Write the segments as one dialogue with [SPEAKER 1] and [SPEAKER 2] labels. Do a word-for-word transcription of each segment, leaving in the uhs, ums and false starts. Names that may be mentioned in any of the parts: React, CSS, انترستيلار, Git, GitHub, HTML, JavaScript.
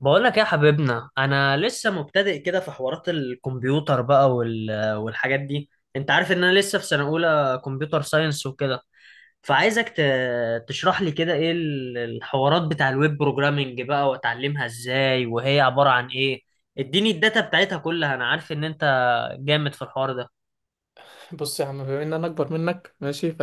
[SPEAKER 1] بقولك يا حبيبنا، انا لسه مبتدئ كده في حوارات الكمبيوتر بقى، وال... والحاجات دي. انت عارف ان انا لسه في سنة اولى كمبيوتر ساينس وكده، فعايزك ت... تشرح لي كده ايه ال- الحوارات بتاع الويب بروجرامنج بقى، واتعلمها ازاي وهي عبارة عن ايه؟ اديني الداتا بتاعتها كلها، انا عارف ان انت جامد في الحوار ده.
[SPEAKER 2] بص يا عم، بما ان انا اكبر منك ماشي. ف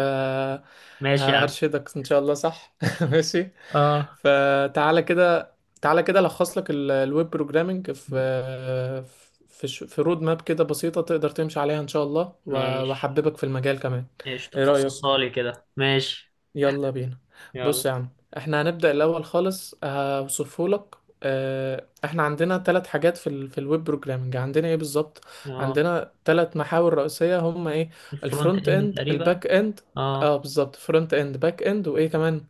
[SPEAKER 1] ماشي يا عم.
[SPEAKER 2] هرشدك ان شاء الله، صح. ماشي،
[SPEAKER 1] اه.
[SPEAKER 2] فتعالى كده. تعالى كده الخص لك ال- الويب بروجرامنج في في ش- في رود ماب كده بسيطة تقدر تمشي عليها ان شاء الله و-
[SPEAKER 1] ماشي.
[SPEAKER 2] واحببك في المجال كمان.
[SPEAKER 1] ايش
[SPEAKER 2] ايه رأيك؟
[SPEAKER 1] تفصصها لي كده. ماشي.
[SPEAKER 2] يلا بينا.
[SPEAKER 1] يلا.
[SPEAKER 2] بص يا عم، احنا هنبدأ الأول خالص، هوصفهولك. آه، احنا عندنا ثلاث حاجات في ال في الويب بروجرامنج، عندنا ايه بالظبط؟
[SPEAKER 1] اه.
[SPEAKER 2] عندنا ثلاث محاور رئيسية، هم ايه؟
[SPEAKER 1] الفرونت
[SPEAKER 2] الفرونت
[SPEAKER 1] اند
[SPEAKER 2] اند
[SPEAKER 1] تقريبا.
[SPEAKER 2] الباك اند.
[SPEAKER 1] اه.
[SPEAKER 2] اه بالظبط، فرونت اند باك اند، وايه كمان؟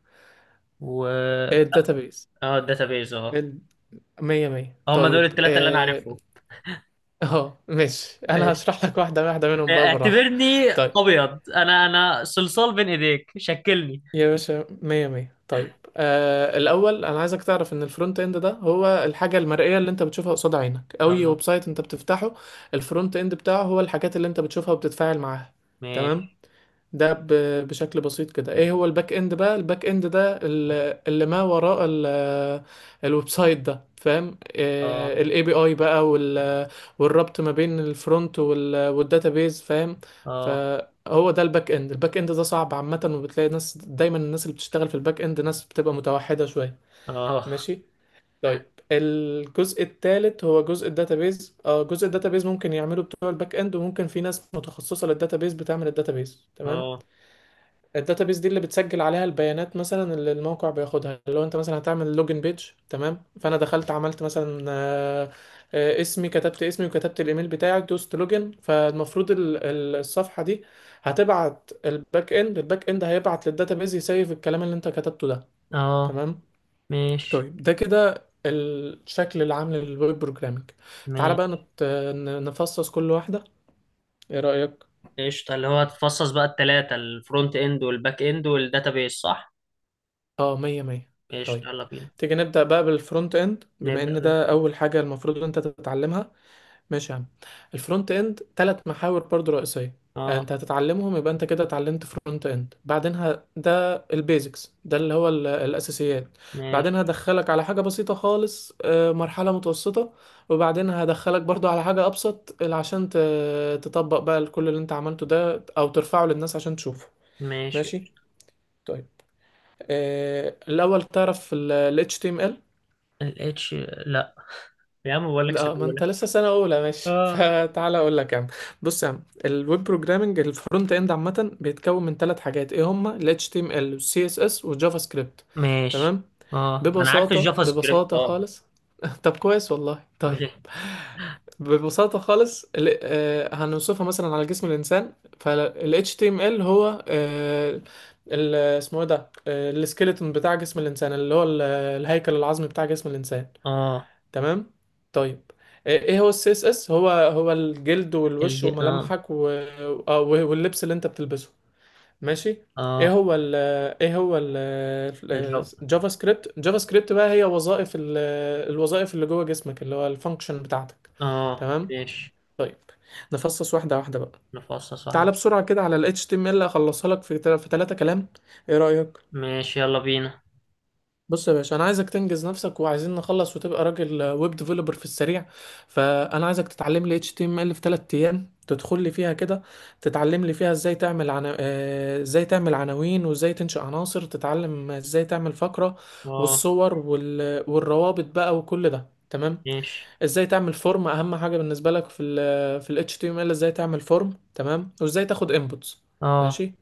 [SPEAKER 2] الداتابيز.
[SPEAKER 1] اه الداتابيز اه.
[SPEAKER 2] ال- مية مية
[SPEAKER 1] هم دول
[SPEAKER 2] طيب
[SPEAKER 1] الثلاثة اللي انا
[SPEAKER 2] اه.
[SPEAKER 1] عارفهم.
[SPEAKER 2] آه، ماشي، انا
[SPEAKER 1] إيه.
[SPEAKER 2] هشرح لك واحدة واحدة منهم بقى بالراحة.
[SPEAKER 1] اعتبرني
[SPEAKER 2] طيب
[SPEAKER 1] ابيض، انا انا صلصال بين ايديك، شكلني.
[SPEAKER 2] يا باشا، مية مية طيب. آه الأول، أنا عايزك تعرف إن الفرونت إند ده هو الحاجة المرئية اللي أنت بتشوفها قصاد عينك. أي
[SPEAKER 1] اه.
[SPEAKER 2] ويب سايت أنت بتفتحه، الفرونت إند بتاعه هو الحاجات اللي أنت بتشوفها وبتتفاعل معاها. تمام.
[SPEAKER 1] ماشي.
[SPEAKER 2] ده ب- بشكل بسيط كده. ايه هو الباك اند بقى؟ الباك اند ده ال- اللي ما وراء ال- الويب سايت ده، فاهم؟
[SPEAKER 1] اه.
[SPEAKER 2] الاي بي اي بقى وال- والربط ما بين الفرونت والداتابيز، فاهم؟
[SPEAKER 1] اه.
[SPEAKER 2] فهو ده الباك اند. الباك اند ده صعب عامة، وبتلاقي ناس دايما، الناس اللي بتشتغل في الباك اند ناس بتبقى متوحدة شوية.
[SPEAKER 1] اه.
[SPEAKER 2] ماشي. طيب. الجزء الثالث هو جزء الداتابيز. اه، جزء الداتابيز ممكن يعمله بتوع الباك اند، وممكن في ناس متخصصة للداتابيز بتعمل الداتابيز. تمام.
[SPEAKER 1] اه.
[SPEAKER 2] الداتابيس دي اللي بتسجل عليها البيانات مثلا، اللي الموقع بياخدها. لو انت مثلا هتعمل لوجن بيج، تمام، فانا دخلت عملت مثلا آه، آه، اسمي، كتبت اسمي وكتبت الايميل بتاعي، دوست لوجن، فالمفروض ال- ال- الصفحه دي هتبعت الباك اند، الباك اند هيبعت للداتابيس يسيف الكلام اللي انت كتبته ده.
[SPEAKER 1] اه.
[SPEAKER 2] تمام.
[SPEAKER 1] ماشي.
[SPEAKER 2] طيب ده كده الشكل العام للويب بروجرامينج. تعالى بقى
[SPEAKER 1] ماشي.
[SPEAKER 2] نت- نفصص كل واحده. ايه رايك؟
[SPEAKER 1] قشطة. اللي هو هتفصص بقى الثلاثة الفرونت اند والباك اند والداتابيز صح؟
[SPEAKER 2] اه مية مية. طيب
[SPEAKER 1] قشطة، يلا بينا.
[SPEAKER 2] تيجي نبدأ بقى بالفرونت اند، بما
[SPEAKER 1] نبدأ
[SPEAKER 2] ان
[SPEAKER 1] بال.
[SPEAKER 2] ده اول حاجة المفروض ان انت تتعلمها. ماشي يا عم. الفرونت اند ثلاث محاور برضو رئيسية. آه،
[SPEAKER 1] اه.
[SPEAKER 2] انت هتتعلمهم، يبقى انت كده اتعلمت فرونت اند. بعدينها ده البيزكس، ده اللي هو ال- الاساسيات. بعدين
[SPEAKER 1] ماشي.
[SPEAKER 2] هدخلك على حاجة بسيطة خالص، آه، مرحلة متوسطة. وبعدين هدخلك برضو على حاجة ابسط، اللي عشان ت- تطبق بقى كل اللي انت عملته ده او ترفعه للناس عشان تشوفه.
[SPEAKER 1] ماشي.
[SPEAKER 2] ماشي. طيب. إيه، الاول تعرف ال ال اتش تي ام ال.
[SPEAKER 1] الاتش. لا. يا عم بقول لك
[SPEAKER 2] لا، ما انت
[SPEAKER 1] سيبهولك.
[SPEAKER 2] لسه سنه اولى ماشي
[SPEAKER 1] اه.
[SPEAKER 2] فتعالى اقول لك يا عم. بص يا عم، الويب بروجرامنج الفرونت اند عامه بيتكون من ثلاث حاجات. ايه هما؟ ال اتش تي ام ال وال سي اس اس والجافا سكريبت.
[SPEAKER 1] ماشي.
[SPEAKER 2] تمام.
[SPEAKER 1] اه انا عارف
[SPEAKER 2] ببساطه
[SPEAKER 1] الجافا سكريبت
[SPEAKER 2] ببساطه
[SPEAKER 1] اه.
[SPEAKER 2] خالص. طب كويس والله. طيب ببساطه خالص، ال- آه، هنوصفها مثلا على جسم الانسان. فال اتش تي ام ال هو آه، ال- اسمه ايه ده؟ السكيلتون بتاع جسم الانسان، اللي هو ال- آه، الهيكل العظمي بتاع جسم الانسان.
[SPEAKER 1] اه
[SPEAKER 2] تمام. طيب. ايه إيه هو السي اس اس؟ هو هو الجلد والوش
[SPEAKER 1] الج اه.
[SPEAKER 2] وملامحك و... آه، واللبس اللي انت بتلبسه. ماشي. ايه
[SPEAKER 1] اه
[SPEAKER 2] هو ال ايه هو ال
[SPEAKER 1] الجو.
[SPEAKER 2] الجافا سكريبت. جافا سكريبت بقى هي وظائف ال- الوظائف اللي جوه جسمك، اللي هو الفانكشن بتاعتك.
[SPEAKER 1] اه.
[SPEAKER 2] تمام.
[SPEAKER 1] ماشي.
[SPEAKER 2] طيب. نفصص واحده واحده بقى.
[SPEAKER 1] نفصص واحدة.
[SPEAKER 2] تعالى بسرعه كده على ال اتش تي ام ال، اخلصها لك في تل- في ثلاثه كلام. ايه رأيك؟
[SPEAKER 1] ماشي يلا بينا.
[SPEAKER 2] بص يا باشا، انا عايزك تنجز نفسك، وعايزين نخلص وتبقى راجل ويب ديفلوبر في السريع. فانا عايزك تتعلم لي اتش تي ام ال في 3 ايام. تدخل لي فيها كده، تتعلم لي فيها ازاي تعمل عنا... آه، ازاي تعمل عناوين، وازاي تنشئ عناصر، تتعلم ازاي تعمل فقرة
[SPEAKER 1] اه.
[SPEAKER 2] والصور وال... والروابط بقى وكل ده. تمام.
[SPEAKER 1] ماشي.
[SPEAKER 2] ازاي تعمل فورم، اهم حاجة بالنسبة لك في ال في ال اتش تي ام ال، ازاي تعمل فورم. تمام. وازاي تاخد inputs.
[SPEAKER 1] اه.
[SPEAKER 2] ماشي.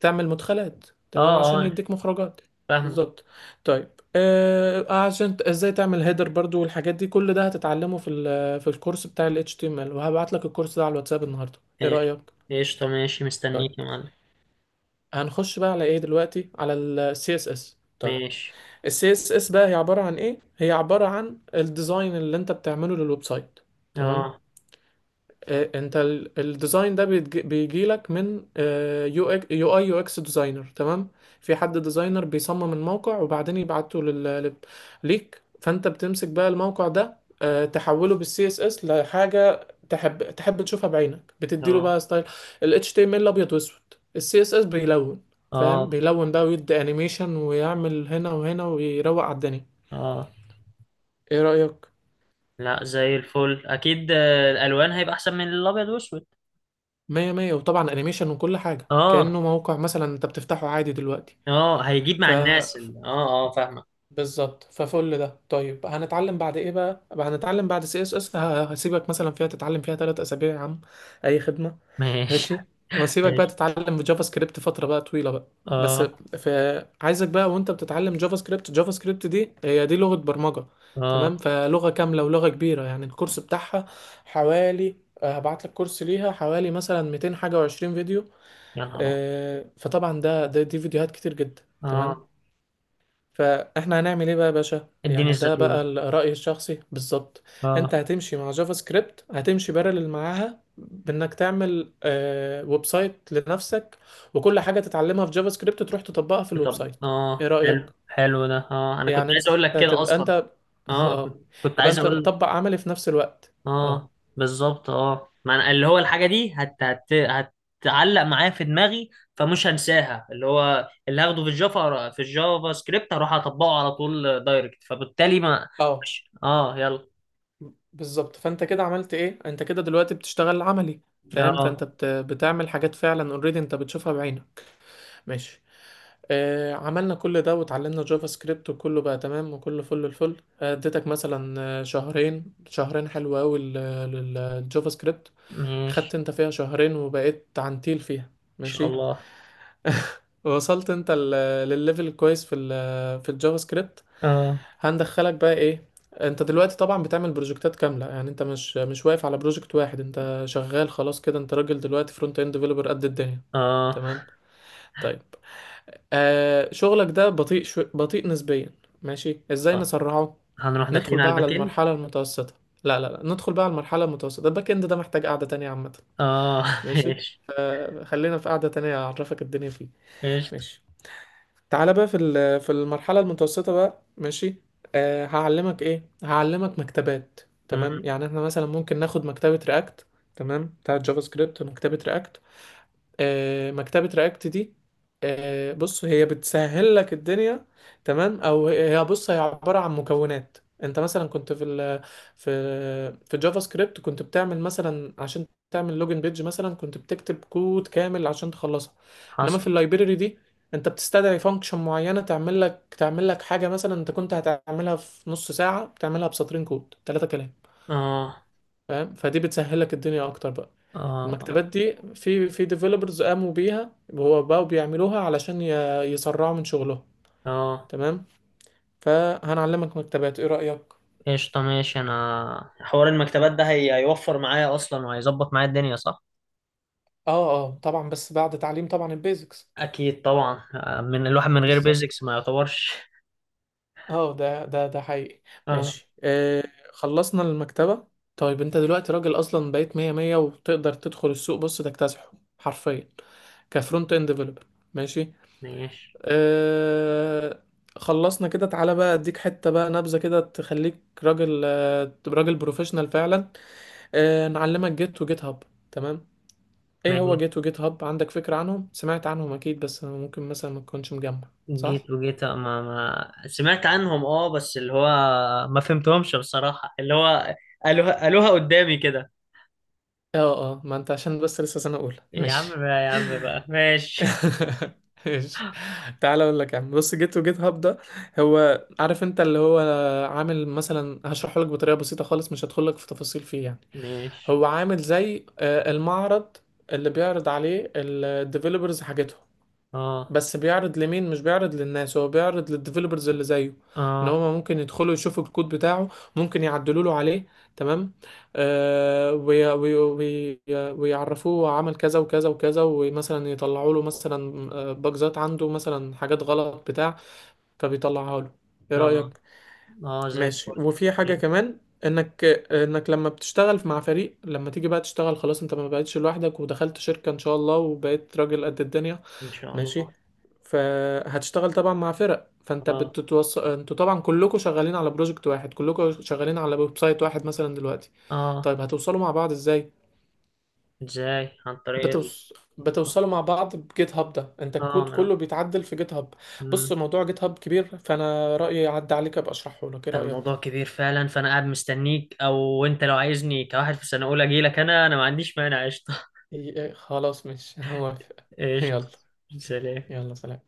[SPEAKER 2] تعمل مدخلات.
[SPEAKER 1] اه.
[SPEAKER 2] تمام، عشان
[SPEAKER 1] اه.
[SPEAKER 2] يديك مخرجات.
[SPEAKER 1] فاهمة.
[SPEAKER 2] بالظبط. طيب. آه عشان ت- ازاي تعمل هيدر برضو، والحاجات دي كل ده هتتعلمه في ال- في الكورس بتاع ال اتش تي ام ال. وهبعت لك الكورس ده على الواتساب النهارده. ايه
[SPEAKER 1] ماشي.
[SPEAKER 2] رأيك؟
[SPEAKER 1] قشطة. ماشي
[SPEAKER 2] طيب.
[SPEAKER 1] مستنيك يا معلم.
[SPEAKER 2] هنخش بقى على ايه دلوقتي؟ على ال سي اس اس. طيب.
[SPEAKER 1] ماشي.
[SPEAKER 2] ال سي اس اس بقى هي عبارة عن ايه؟ هي عبارة عن الديزاين اللي انت بتعمله للويب سايت. تمام.
[SPEAKER 1] اه.
[SPEAKER 2] آه، انت ال- الديزاين ده بيجي لك من آه، يو يو اي يو اكس ديزاينر. تمام. في حد ديزاينر بيصمم الموقع، وبعدين يبعته لل... لل- ليك. فانت بتمسك بقى الموقع ده، آه، تحوله بالسي اس اس لحاجه تحب تحب تشوفها بعينك، بتديله
[SPEAKER 1] اه.
[SPEAKER 2] بقى ستايل. ال اتش تي ام ال ابيض واسود، السي اس اس بيلون. فاهم؟
[SPEAKER 1] اه.
[SPEAKER 2] بيلون بقى، ويدي انيميشن ويعمل هنا وهنا ويروق على الدنيا.
[SPEAKER 1] اه.
[SPEAKER 2] ايه رأيك؟
[SPEAKER 1] لا زي الفل اكيد، آه، الالوان هيبقى احسن من الابيض والاسود.
[SPEAKER 2] مية مية، وطبعا انيميشن وكل حاجة،
[SPEAKER 1] اه.
[SPEAKER 2] كأنه موقع مثلا انت بتفتحه عادي دلوقتي.
[SPEAKER 1] اه هيجيب
[SPEAKER 2] ف
[SPEAKER 1] مع الناس ال- اه اه فاهمة.
[SPEAKER 2] بالظبط، ففل ده. طيب هنتعلم بعد ايه بقى؟ بقى هنتعلم بعد سي اس اس، هسيبك مثلا فيها تتعلم فيها ثلاث اسابيع يا عم. اي خدمه.
[SPEAKER 1] ماشي.
[SPEAKER 2] ماشي. وهسيبك بقى
[SPEAKER 1] ماشي.
[SPEAKER 2] تتعلم في جافا سكريبت فتره بقى طويله بقى بس.
[SPEAKER 1] اه.
[SPEAKER 2] في عايزك بقى، وانت بتتعلم جافا سكريبت، جافا سكريبت دي هي دي لغه برمجه. تمام.
[SPEAKER 1] اه.
[SPEAKER 2] فلغه كامله ولغه كبيره يعني، الكورس بتاعها حوالي، آه، هبعت لك كورس ليها حوالي مثلا ميتين حاجه و20 فيديو.
[SPEAKER 1] يا نهار أبيض.
[SPEAKER 2] آه، فطبعا ده ده دي فيديوهات كتير جدا. تمام.
[SPEAKER 1] اه.
[SPEAKER 2] فاحنا هنعمل ايه بقى يا باشا؟
[SPEAKER 1] اديني
[SPEAKER 2] يعني ده بقى
[SPEAKER 1] الزيتونة.
[SPEAKER 2] ال- رأيي الشخصي بالظبط. انت
[SPEAKER 1] اه
[SPEAKER 2] هتمشي مع جافا سكريبت، هتمشي بارلل معاها بانك تعمل آه ويب سايت لنفسك. وكل حاجة تتعلمها في جافا سكريبت تروح تطبقها في الويب
[SPEAKER 1] طب
[SPEAKER 2] سايت. ايه
[SPEAKER 1] اه
[SPEAKER 2] رأيك؟
[SPEAKER 1] حلو حلو ده، اه انا كنت
[SPEAKER 2] يعني
[SPEAKER 1] عايز
[SPEAKER 2] انت
[SPEAKER 1] اقول لك كده
[SPEAKER 2] هتبقى انت
[SPEAKER 1] اصلا. اه
[SPEAKER 2] اه.
[SPEAKER 1] كنت كنت
[SPEAKER 2] يبقى
[SPEAKER 1] عايز
[SPEAKER 2] انت
[SPEAKER 1] اقول.
[SPEAKER 2] بتطبق عملي في نفس الوقت. اه
[SPEAKER 1] اه. بالظبط. اه ما أنا اللي هو الحاجه دي هت هت هتعلق معايا في دماغي، فمش هنساها. اللي هو اللي هاخده في الجافا في الجافا سكريبت هروح اطبقه على طول دايركت، فبالتالي ما
[SPEAKER 2] اه
[SPEAKER 1] مش اه. يلا.
[SPEAKER 2] بالظبط. فانت كده عملت ايه؟ انت كده دلوقتي بتشتغل عملي، فاهم؟
[SPEAKER 1] اه.
[SPEAKER 2] فانت بت... بتعمل حاجات فعلا اوريدي انت بتشوفها بعينك. ماشي. آه، عملنا كل ده وتعلمنا جافا سكريبت وكله بقى تمام وكله فل الفل. آه، اديتك مثلا آه، شهرين، شهرين حلوة أوي لل- للجافا سكريبت. خدت
[SPEAKER 1] ماشي.
[SPEAKER 2] انت فيها شهرين وبقيت عنتيل فيها.
[SPEAKER 1] ان شاء
[SPEAKER 2] ماشي.
[SPEAKER 1] الله.
[SPEAKER 2] وصلت انت ال- للليفل الكويس في ال في الجافا سكريبت.
[SPEAKER 1] اه.
[SPEAKER 2] هندخلك بقى ايه؟ انت دلوقتي طبعا بتعمل بروجكتات كامله، يعني انت مش مش واقف على بروجكت واحد، انت شغال خلاص كده، انت راجل دلوقتي فرونت اند ديفلوبر قد الدنيا.
[SPEAKER 1] اه.
[SPEAKER 2] تمام. طيب. آه شغلك ده بطيء، شو... بطيء نسبيا. ماشي، ازاي
[SPEAKER 1] آه.
[SPEAKER 2] نسرعه؟
[SPEAKER 1] هنروح
[SPEAKER 2] ندخل
[SPEAKER 1] داخلين على
[SPEAKER 2] بقى على
[SPEAKER 1] الباك اند.
[SPEAKER 2] المرحلة المتوسطة. لا لا لا، ندخل بقى على المرحلة المتوسطة. الباك اند ده محتاج قعدة تانية عامة.
[SPEAKER 1] اه.
[SPEAKER 2] ماشي.
[SPEAKER 1] ماشي.
[SPEAKER 2] آه خلينا في قعدة تانية اعرفك الدنيا فيه.
[SPEAKER 1] ماشي.
[SPEAKER 2] ماشي. تعالى بقى في ال... في المرحلة المتوسطة بقى. ماشي. آه هعلمك ايه؟ هعلمك مكتبات. تمام.
[SPEAKER 1] مم،
[SPEAKER 2] يعني احنا مثلا ممكن ناخد مكتبة رياكت. تمام، بتاعت جافا سكريبت، ومكتبة رياكت. آه، مكتبة رياكت دي، آه، بص هي بتسهل لك الدنيا. تمام. او هي، بص هي عبارة عن مكونات. انت مثلا كنت في ال في في جافا سكريبت كنت بتعمل مثلا، عشان تعمل لوجن بيج مثلا، كنت بتكتب كود كامل عشان تخلصها. انما في
[SPEAKER 1] حصل.
[SPEAKER 2] اللايبرري دي، انت بتستدعي فانكشن معينة، تعمل لك تعمل لك حاجة مثلا انت كنت هتعملها في نص ساعة بتعملها بسطرين كود، ثلاثة كلام.
[SPEAKER 1] اه.
[SPEAKER 2] فاهم؟ فدي بتسهلك الدنيا اكتر بقى. المكتبات
[SPEAKER 1] اه.
[SPEAKER 2] دي في في ديفلوبرز قاموا بيها، هو بقوا بيعملوها علشان ي- يسرعوا من شغلهم.
[SPEAKER 1] اه.
[SPEAKER 2] تمام. فهنعلمك مكتبات، ايه رأيك؟
[SPEAKER 1] قشطة ماشي. انا حوار المكتبات
[SPEAKER 2] تمام.
[SPEAKER 1] ده هي... هيوفر معايا اصلا وهيظبط معايا الدنيا صح؟
[SPEAKER 2] اه اه طبعا، بس بعد تعليم طبعا البيزكس.
[SPEAKER 1] اكيد طبعا، آه، من الواحد من غير
[SPEAKER 2] بالظبط.
[SPEAKER 1] بيزكس ما يعتبرش.
[SPEAKER 2] اه ده ده ده حقيقي.
[SPEAKER 1] اه.
[SPEAKER 2] ماشي. آه خلصنا المكتبة. طيب. انت دلوقتي راجل اصلا، بقيت مية مية وتقدر تدخل السوق. بص تكتسحه حرفيا كفرونت اند ديفلوبر. ماشي.
[SPEAKER 1] ماشي.
[SPEAKER 2] آه خلصنا كده. تعالى بقى اديك حتة بقى، نبذة كده تخليك راجل، آه تبقى راجل بروفيشنال فعلا. آه نعلمك جيت وجيت هاب. تمام. ايه هو
[SPEAKER 1] ماشي.
[SPEAKER 2] جيت وجيت هاب؟ عندك فكرة عنهم؟ سمعت عنهم اكيد، بس ممكن مثلا ما تكونش مجمع. صح؟
[SPEAKER 1] جيت وجيت آه، ما ما سمعت عنهم، اه بس اللي هو ما فهمتهمش بصراحة. اللي هو قالوها قالوها قدامي كده.
[SPEAKER 2] اه اه ما انت عشان بس لسه سنة اولى
[SPEAKER 1] يا عم
[SPEAKER 2] ماشي.
[SPEAKER 1] بقى يا عم بقى ماشي.
[SPEAKER 2] ماشي، تعالى اقول لك يا عم. بص جيت وجيت هاب ده، هو عارف انت اللي هو عامل مثلا، هشرحه لك بطريقة بسيطة خالص مش هدخل لك في تفاصيل فيه يعني.
[SPEAKER 1] ماشي.
[SPEAKER 2] هو عامل زي آه، المعرض اللي بيعرض عليه الديفلوبرز حاجتهم.
[SPEAKER 1] اه.
[SPEAKER 2] بس بيعرض لمين؟ مش بيعرض للناس، هو بيعرض للديفلوبرز اللي زيه، ان
[SPEAKER 1] اه.
[SPEAKER 2] هما ممكن يدخلوا يشوفوا الكود بتاعه، ممكن يعدلوا له عليه. تمام. آه وي وي وي، ويعرفوه عمل كذا وكذا وكذا، ومثلا يطلعوا له مثلا آه، باجزات عنده، مثلا حاجات غلط بتاع، فبيطلعها له. ايه
[SPEAKER 1] اه.
[SPEAKER 2] رأيك؟
[SPEAKER 1] اه زي
[SPEAKER 2] ماشي.
[SPEAKER 1] الفل.
[SPEAKER 2] وفي حاجة كمان، انك انك لما بتشتغل مع فريق، لما تيجي بقى تشتغل خلاص، انت ما بقتش لوحدك ودخلت شركة ان شاء الله وبقيت راجل قد الدنيا.
[SPEAKER 1] ان شاء
[SPEAKER 2] ماشي.
[SPEAKER 1] الله.
[SPEAKER 2] فهتشتغل طبعا مع فرق، فانت
[SPEAKER 1] اه.
[SPEAKER 2] بتتوص... انتوا طبعا كلكم شغالين على بروجكت واحد، كلكم شغالين على ويب سايت واحد مثلا دلوقتي.
[SPEAKER 1] اه.
[SPEAKER 2] طيب، هتوصلوا مع بعض ازاي؟
[SPEAKER 1] ازاي عن طريق.
[SPEAKER 2] بتوص...
[SPEAKER 1] اه
[SPEAKER 2] بتوصلوا مع بعض بجيت هاب ده، انت
[SPEAKER 1] ما
[SPEAKER 2] الكود
[SPEAKER 1] أنا-
[SPEAKER 2] كله بيتعدل في جيت هاب. بص
[SPEAKER 1] مم.
[SPEAKER 2] موضوع جيت هاب كبير، فانا رأيي يعدي عليك، ابقى اشرحه لك. ايه رأيك؟
[SPEAKER 1] الموضوع كبير فعلا، فانا قاعد مستنيك. او انت لو عايزني كواحد في سنه اولى اجي لك، انا انا ما عنديش مانع. قشطه.
[SPEAKER 2] إيه، إيه، خلاص ماشي، انا موافق.
[SPEAKER 1] قشطه.
[SPEAKER 2] يلا.
[SPEAKER 1] سلام.
[SPEAKER 2] يلا، سلام.